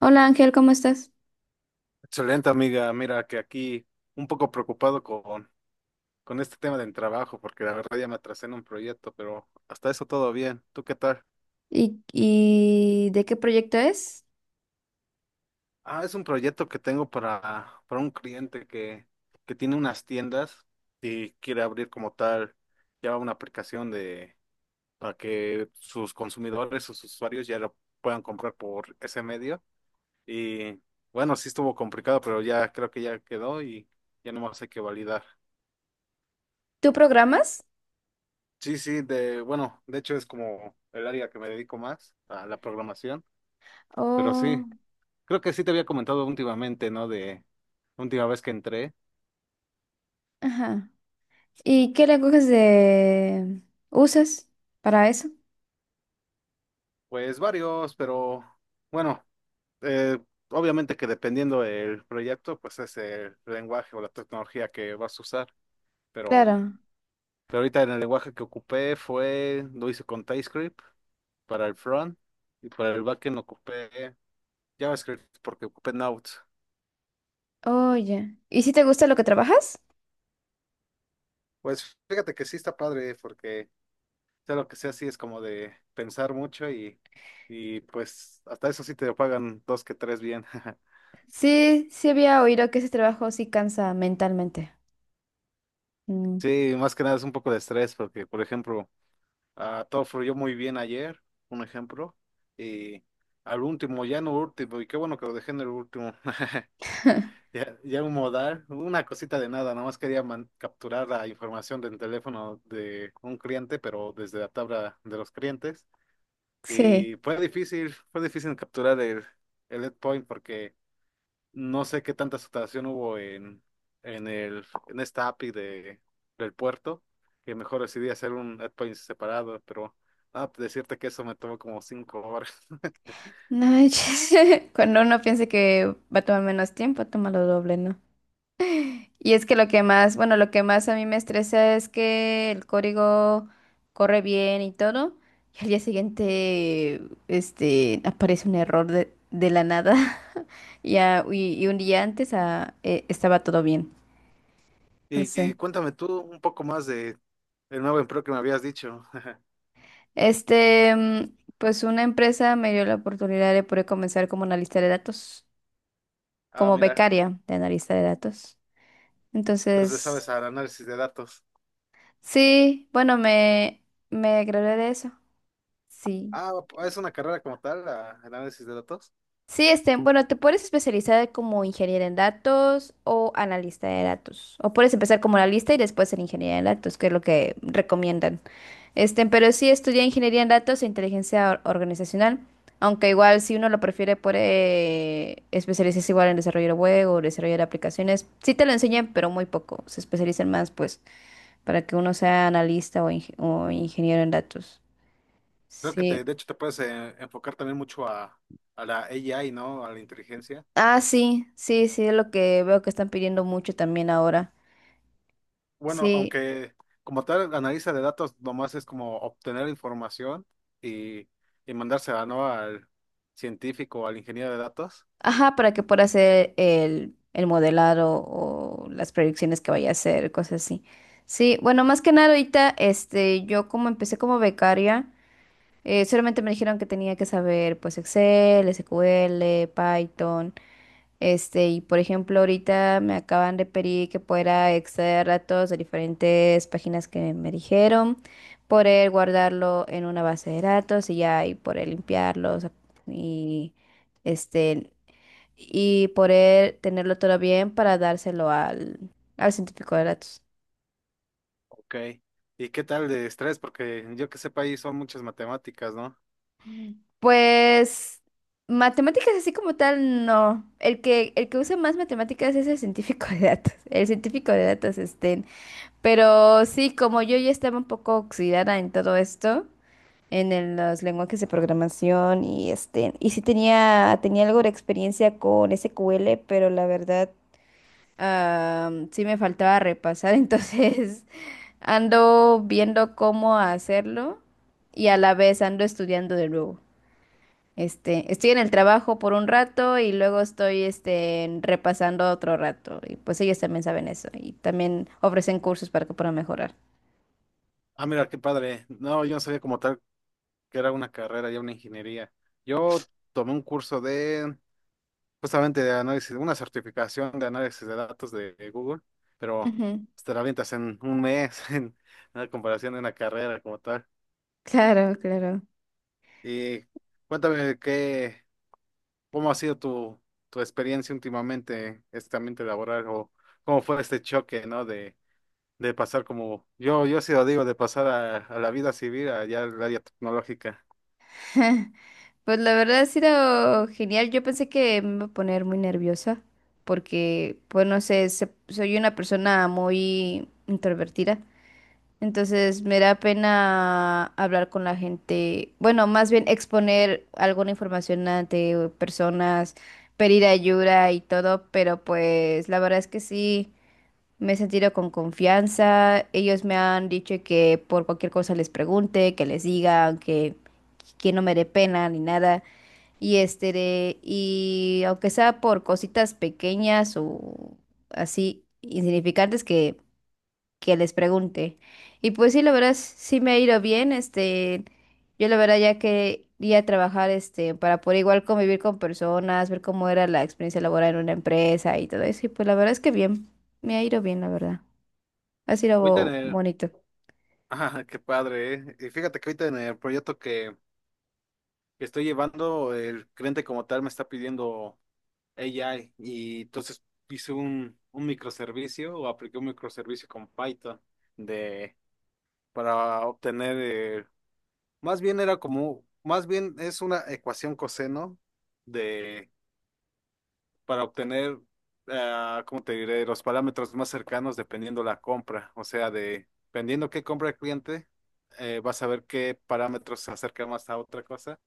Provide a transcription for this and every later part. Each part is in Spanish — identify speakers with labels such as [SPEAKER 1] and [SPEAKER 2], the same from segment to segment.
[SPEAKER 1] Hola Ángel, ¿cómo estás?
[SPEAKER 2] Excelente, amiga. Mira que aquí un poco preocupado con este tema del trabajo, porque la verdad ya me atrasé en un proyecto, pero hasta eso todo bien. ¿Tú qué tal?
[SPEAKER 1] ¿Y de qué proyecto es?
[SPEAKER 2] Ah, es un proyecto que tengo para un cliente que tiene unas tiendas y quiere abrir como tal ya una aplicación de para que sus consumidores, sus usuarios ya lo puedan comprar por ese medio. Y bueno, sí estuvo complicado, pero ya creo que ya quedó y ya nomás hay que validar.
[SPEAKER 1] ¿Tú programas?
[SPEAKER 2] Sí, sí, de, bueno, de hecho es como el área que me dedico más a la programación, pero sí,
[SPEAKER 1] Oh,
[SPEAKER 2] creo que sí te había comentado últimamente, ¿no? De última vez que entré,
[SPEAKER 1] ajá. ¿Y qué lenguajes de usas para eso?
[SPEAKER 2] pues varios, pero bueno, eh, obviamente que dependiendo del proyecto, pues es el lenguaje o la tecnología que vas a usar, pero,
[SPEAKER 1] Claro.
[SPEAKER 2] pero ahorita en el lenguaje que ocupé fue, lo hice con TypeScript para el front y para el backend ocupé JavaScript porque ocupé Node.
[SPEAKER 1] Oye. ¿Y si te gusta lo que trabajas?
[SPEAKER 2] Pues fíjate que sí está padre porque sea lo que sea, sí es como de pensar mucho y pues hasta eso sí te pagan dos que tres bien.
[SPEAKER 1] Sí, sí había oído que ese trabajo sí cansa mentalmente. Mm,
[SPEAKER 2] Sí, más que nada es un poco de estrés porque, por ejemplo, todo fluyó muy bien ayer, un ejemplo, y al último, ya no último, y qué bueno que lo dejé en el último, ya, ya un modal, una cosita de nada, nada más quería capturar la información del teléfono de un cliente, pero desde la tabla de los clientes,
[SPEAKER 1] sí.
[SPEAKER 2] y fue difícil capturar el endpoint porque no sé qué tanta saturación hubo en esta API del puerto, que mejor decidí hacer un endpoint separado, pero pues, decirte que eso me tomó como 5 horas.
[SPEAKER 1] No, cuando uno piense que va a tomar menos tiempo, toma lo doble, ¿no? Y es que lo que más, bueno, lo que más a mí me estresa es que el código corre bien y todo, y al día siguiente, este, aparece un error de la nada, ya y un día antes estaba todo bien, no
[SPEAKER 2] Y
[SPEAKER 1] sé.
[SPEAKER 2] cuéntame tú un poco más de el nuevo empleo que me habías dicho.
[SPEAKER 1] Este, pues una empresa me dio la oportunidad de poder comenzar como analista de datos,
[SPEAKER 2] Ah,
[SPEAKER 1] como
[SPEAKER 2] mira,
[SPEAKER 1] becaria de analista de datos.
[SPEAKER 2] entonces sabes
[SPEAKER 1] Entonces,
[SPEAKER 2] al análisis de datos.
[SPEAKER 1] sí, bueno, me gradué de eso, sí.
[SPEAKER 2] Ah, es una carrera como tal, análisis de datos.
[SPEAKER 1] Sí, este, bueno, te puedes especializar como ingeniera en datos o analista de datos. O puedes empezar como analista y después ser ingeniera en datos, que es lo que recomiendan. Este, pero sí estudia ingeniería en datos e inteligencia organizacional. Aunque igual si uno lo prefiere puede especializarse igual en desarrollo de web o desarrollo de aplicaciones. Sí te lo enseñan, pero muy poco. Se especializan más, pues, para que uno sea analista o, o ingeniero en datos.
[SPEAKER 2] Creo que
[SPEAKER 1] Sí.
[SPEAKER 2] te, de hecho te puedes enfocar también mucho a la AI, ¿no? A la inteligencia.
[SPEAKER 1] Ah, sí, sí, sí, es lo que veo que están pidiendo mucho también ahora.
[SPEAKER 2] Bueno,
[SPEAKER 1] Sí,
[SPEAKER 2] aunque como tal, analista de datos nomás es como obtener información y, y mandársela, ¿no? Al científico o al ingeniero de datos.
[SPEAKER 1] ajá, para que pueda hacer el modelado o las predicciones que vaya a hacer, cosas así. Sí, bueno, más que nada ahorita, este, yo como empecé como becaria, solamente me dijeron que tenía que saber pues Excel, SQL, Python, este, y por ejemplo ahorita me acaban de pedir que pueda extraer datos de diferentes páginas que me dijeron, poder guardarlo en una base de datos y ya, y poder limpiarlos y este y poder tenerlo todo bien para dárselo al científico de datos.
[SPEAKER 2] Ok. ¿Y qué tal de estrés? Porque yo que sepa ahí son muchas matemáticas, ¿no?
[SPEAKER 1] Pues matemáticas así como tal, no. El que usa más matemáticas es el científico de datos. El científico de datos estén. Pero sí, como yo ya estaba un poco oxidada en todo esto, en los lenguajes de programación y este, y sí tenía algo de experiencia con SQL, pero la verdad. Ah, sí me faltaba repasar, entonces ando viendo cómo hacerlo y a la vez ando estudiando de nuevo. Este, estoy en el trabajo por un rato y luego estoy este, repasando otro rato. Y pues ellos también saben eso y también ofrecen cursos para que puedan mejorar.
[SPEAKER 2] Ah, mira, qué padre. No, yo no sabía como tal que era una carrera, ya una ingeniería. Yo tomé un justamente de análisis, una certificación de análisis de datos de Google, pero
[SPEAKER 1] Ujú.
[SPEAKER 2] pues, te la avientas en un mes, en comparación de una carrera como tal.
[SPEAKER 1] Claro, claro.
[SPEAKER 2] Y cuéntame qué, cómo ha sido tu, tu experiencia últimamente, este ambiente laboral, o cómo fue este choque, ¿no? De pasar como, yo sí lo digo, de pasar a la vida civil, allá al área tecnológica.
[SPEAKER 1] Pues la verdad ha sido genial. Yo pensé que me iba a poner muy nerviosa porque, pues no sé, soy una persona muy introvertida. Entonces me da pena hablar con la gente, bueno, más bien exponer alguna información ante personas, pedir ayuda y todo, pero pues la verdad es que sí, me he sentido con confianza. Ellos me han dicho que por cualquier cosa les pregunte, que les diga, que no me dé pena ni nada. Y este, de- y aunque sea por cositas pequeñas o así insignificantes que les pregunte. Y pues sí, la verdad, sí me ha ido bien, este, yo la verdad ya quería trabajar, este, para poder igual convivir con personas, ver cómo era la experiencia laboral en una empresa y todo eso, y pues la verdad es que bien, me ha ido bien, la verdad, ha
[SPEAKER 2] Ahorita en
[SPEAKER 1] sido
[SPEAKER 2] el,
[SPEAKER 1] bonito.
[SPEAKER 2] ah, qué padre, ¿eh? Y fíjate que ahorita en el proyecto que estoy llevando, el cliente como tal me está pidiendo AI, y entonces hice un microservicio, o apliqué un microservicio con Python de para obtener. Más bien era como, más bien es una ecuación coseno de, para obtener, ah, ¿cómo te diré? Los parámetros más cercanos dependiendo la compra. O sea, de, dependiendo qué compra el cliente, vas a ver qué parámetros se acercan más a otra cosa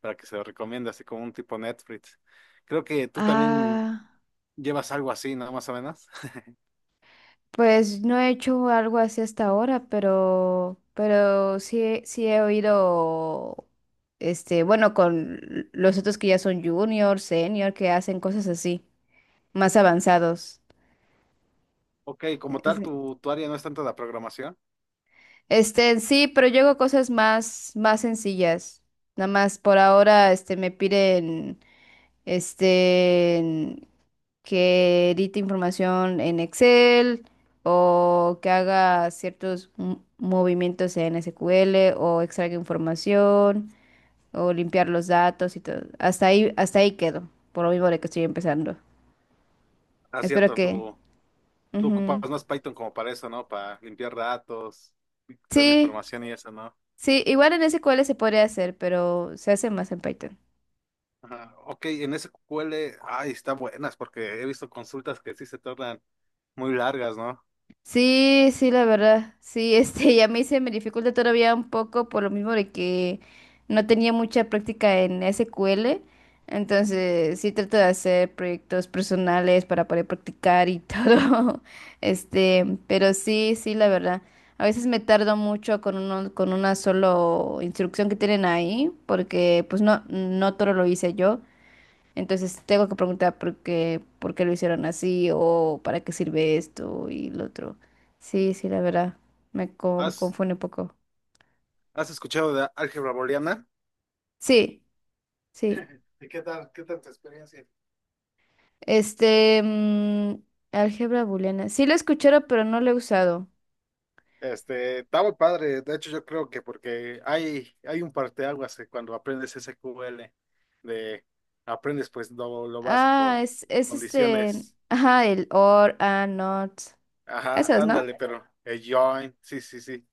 [SPEAKER 2] para que se lo recomiende, así como un tipo Netflix. Creo que tú también
[SPEAKER 1] Ah,
[SPEAKER 2] llevas algo así, ¿no? Más o menos.
[SPEAKER 1] pues no he hecho algo así hasta ahora, pero sí, sí he oído, este, bueno, con los otros que ya son junior, senior, que hacen cosas así, más avanzados.
[SPEAKER 2] Ok, como tal,
[SPEAKER 1] Ese-
[SPEAKER 2] tu área no es tanto la programación.
[SPEAKER 1] este, sí, pero yo hago cosas más, más sencillas. Nada más por ahora, este, me piden, este, en- que edite información en Excel o que haga ciertos movimientos en SQL o extraiga información o limpiar los datos y todo. Hasta ahí quedo, por lo mismo de que estoy empezando.
[SPEAKER 2] Ah,
[SPEAKER 1] Espero
[SPEAKER 2] cierto,
[SPEAKER 1] que...
[SPEAKER 2] tu, tú ocupas
[SPEAKER 1] ujú.
[SPEAKER 2] más Python como para eso, ¿no? Para limpiar datos, toda la
[SPEAKER 1] Sí,
[SPEAKER 2] información y eso, ¿no?
[SPEAKER 1] sí, igual en SQL se podría hacer, pero se hace más en Python.
[SPEAKER 2] Ajá. Ok, en SQL, ay, está buenas porque he visto consultas que sí se tornan muy largas, ¿no?
[SPEAKER 1] Sí, sí, la verdad. Sí, este, ya me hice, me dificulta todavía un poco por lo mismo de que no tenía mucha práctica en SQL. Entonces, sí trato de hacer proyectos personales para poder practicar y todo. Este, pero sí, sí, la verdad. A veces me tardo mucho con uno, con una solo instrucción que tienen ahí, porque pues no, no todo lo hice yo. Entonces tengo que preguntar por qué lo hicieron así o para qué sirve esto y lo otro. Sí, sí, la verdad, me
[SPEAKER 2] ¿Has,
[SPEAKER 1] confunde un poco.
[SPEAKER 2] has escuchado de álgebra booleana?
[SPEAKER 1] Sí, sí.
[SPEAKER 2] ¿Y qué tal tu experiencia?
[SPEAKER 1] Este, mm, álgebra booleana. Sí lo he escuchado pero no lo he usado.
[SPEAKER 2] Este, está muy padre, de hecho yo creo que porque hay un parteaguas que cuando aprendes SQL, de aprendes pues lo básico, condiciones,
[SPEAKER 1] El or, and, not.
[SPEAKER 2] ajá,
[SPEAKER 1] Esos, ¿no?
[SPEAKER 2] ándale, pero el join, sí, sí, sí.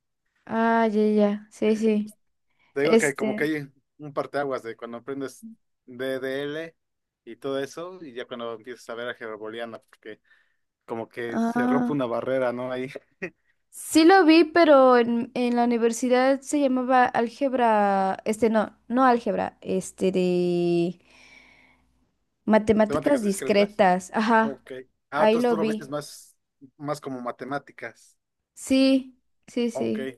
[SPEAKER 1] Ah, ya. Sí, sí.
[SPEAKER 2] Te digo que como
[SPEAKER 1] Este,
[SPEAKER 2] que hay un parteaguas de cuando aprendes DDL y todo eso, y ya cuando empiezas a ver álgebra booleana, porque como que se rompe
[SPEAKER 1] ah.
[SPEAKER 2] una barrera, ¿no? Ahí.
[SPEAKER 1] Sí lo vi, pero en la universidad se llamaba álgebra, este no, no álgebra, este de matemáticas
[SPEAKER 2] Temáticas discretas.
[SPEAKER 1] discretas, ajá,
[SPEAKER 2] Ok. Ah,
[SPEAKER 1] ahí
[SPEAKER 2] entonces
[SPEAKER 1] lo
[SPEAKER 2] tú lo ves
[SPEAKER 1] vi.
[SPEAKER 2] más, más como matemáticas.
[SPEAKER 1] Sí, sí,
[SPEAKER 2] Ok.
[SPEAKER 1] sí.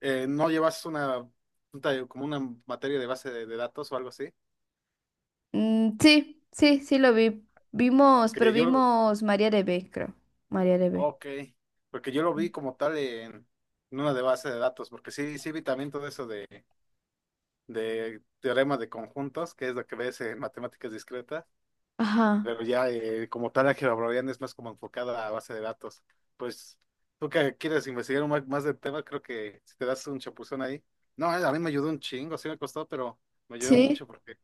[SPEAKER 2] ¿No llevas una, un taller- como una materia de base de datos o algo así?
[SPEAKER 1] Mm, sí, sí lo vi. Vimos, pero
[SPEAKER 2] Porque yo,
[SPEAKER 1] vimos María de B, creo. María de B.
[SPEAKER 2] ok, porque yo lo vi como tal en una de base de datos, porque sí, sí vi también todo eso de teorema de conjuntos, que es lo que ves en matemáticas discretas,
[SPEAKER 1] Ajá.
[SPEAKER 2] pero ya como tal álgebra browniana es más como enfocada a base de datos. Pues tú que quieres investigar un más del tema, creo que si te das un chapuzón ahí. No, a mí me ayudó un chingo, sí me costó, pero me ayudó
[SPEAKER 1] Sí.
[SPEAKER 2] mucho porque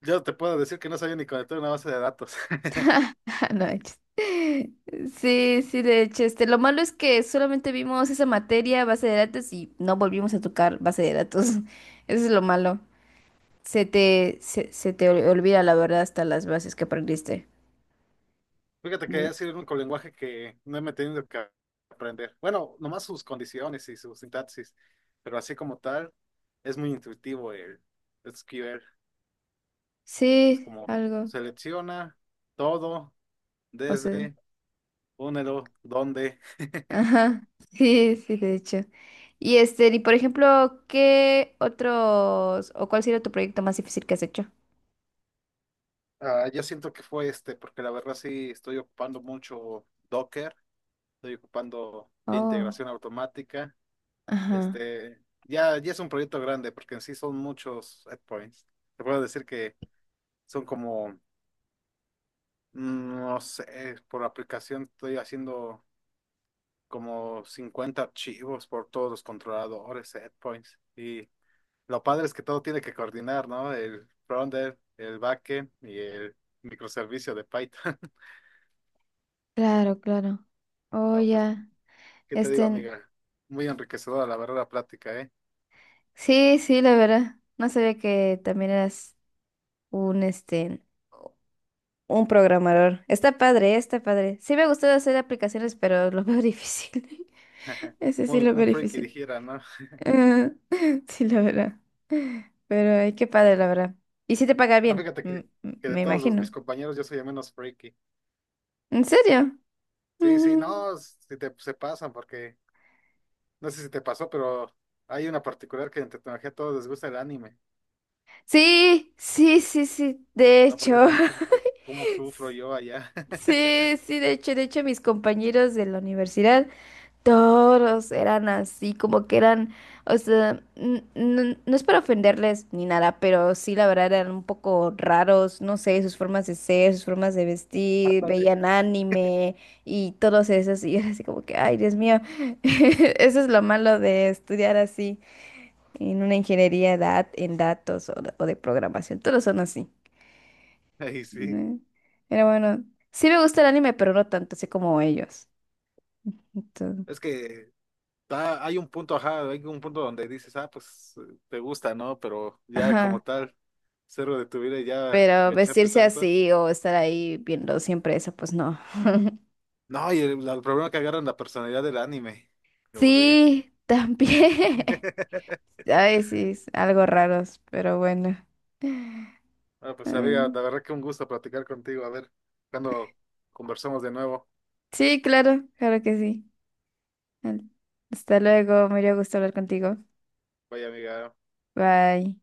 [SPEAKER 2] yo te puedo decir que no sabía ni conectar una base de datos.
[SPEAKER 1] No, de hecho sí, de hecho, este, lo malo es que solamente vimos esa materia, base de datos, y no volvimos a tocar base de datos. Eso es lo malo. Se te olvida la verdad hasta las bases que aprendiste.
[SPEAKER 2] Fíjate que
[SPEAKER 1] De-
[SPEAKER 2] ha sido el único lenguaje que no me he tenido que aprender. Bueno, nomás sus condiciones y su sintaxis, pero así como tal, es muy intuitivo el SQL. Es
[SPEAKER 1] sí,
[SPEAKER 2] como
[SPEAKER 1] algo.
[SPEAKER 2] selecciona todo
[SPEAKER 1] O sea,
[SPEAKER 2] desde únelo, dónde.
[SPEAKER 1] ajá. Sí, sí, de hecho. Y este, y por ejemplo, ¿qué otros, o cuál sería tu proyecto más difícil que has hecho?
[SPEAKER 2] Ah, yo siento que fue este, porque la verdad sí estoy ocupando mucho Docker, estoy ocupando ya
[SPEAKER 1] Oh,
[SPEAKER 2] integración automática.
[SPEAKER 1] ajá.
[SPEAKER 2] Este, ya, ya es un proyecto grande, porque en sí son muchos endpoints. Te puedo decir que son como, mm, no sé, por aplicación estoy haciendo como 50 archivos por todos los controladores, endpoints. Y lo padre es que todo tiene que coordinar, ¿no? El frontend, el backend y el microservicio de Python.
[SPEAKER 1] Claro, claro. Oh,
[SPEAKER 2] No, pues,
[SPEAKER 1] ya.
[SPEAKER 2] ¿qué te digo,
[SPEAKER 1] Este,
[SPEAKER 2] amiga? Muy enriquecedora la verdad la plática, ¿eh?
[SPEAKER 1] sí, sí, la verdad. No sabía que también eras un, este, un programador. Está padre, está padre. Sí me ha gustado hacer aplicaciones, pero lo veo difícil. Ese sí
[SPEAKER 2] Un,
[SPEAKER 1] lo
[SPEAKER 2] un
[SPEAKER 1] veo
[SPEAKER 2] freaky
[SPEAKER 1] difícil.
[SPEAKER 2] dijera, ¿no?
[SPEAKER 1] Ah, sí, la verdad. Pero ay, qué padre, la verdad. Y si te paga
[SPEAKER 2] Ah,
[SPEAKER 1] bien,
[SPEAKER 2] fíjate que de
[SPEAKER 1] me
[SPEAKER 2] todos mis
[SPEAKER 1] imagino.
[SPEAKER 2] compañeros yo soy el menos freaky.
[SPEAKER 1] ¿En serio?
[SPEAKER 2] Sí, sí,
[SPEAKER 1] Ujú.
[SPEAKER 2] no, si te, se pasan porque, no sé si te pasó, pero hay una particular que en tecnología a todos les gusta el anime.
[SPEAKER 1] Sí, sí, sí, sí. De
[SPEAKER 2] No,
[SPEAKER 1] hecho.
[SPEAKER 2] porque ya te imaginas ay, cómo sufro yo allá.
[SPEAKER 1] Sí, sí, de hecho, mis compañeros de la universidad. Todos eran así, como que eran, o sea, no, es para ofenderles ni nada, pero sí, la verdad eran un poco raros, no sé, sus formas de ser, sus formas de vestir,
[SPEAKER 2] Ándale.
[SPEAKER 1] veían anime y todos esos, y era así como que, ay, Dios mío, eso es lo malo de estudiar así en una ingeniería en datos o de programación, todos son así,
[SPEAKER 2] Ay, sí.
[SPEAKER 1] ¿no? Pero bueno, sí me gusta el anime, pero no tanto así como ellos. Entonces,
[SPEAKER 2] Es que ah, hay un punto, ajá, hay un punto donde dices, ah, pues te gusta, ¿no? Pero ya como
[SPEAKER 1] ajá.
[SPEAKER 2] tal, cero de tu vida y ya
[SPEAKER 1] Pero
[SPEAKER 2] engancharte
[SPEAKER 1] vestirse
[SPEAKER 2] tanto.
[SPEAKER 1] así o estar ahí viendo siempre eso, pues no.
[SPEAKER 2] No, y el problema que agarran la personalidad del anime. Como de.
[SPEAKER 1] Sí, también. Ay, sí, es algo raros, pero bueno.
[SPEAKER 2] Ah, pues
[SPEAKER 1] Ay,
[SPEAKER 2] amiga, la verdad que un gusto platicar contigo. A ver, cuando conversamos de nuevo.
[SPEAKER 1] sí, claro, claro que sí. Al- hasta luego, me dio gusto hablar contigo.
[SPEAKER 2] Vaya amiga.
[SPEAKER 1] Bye.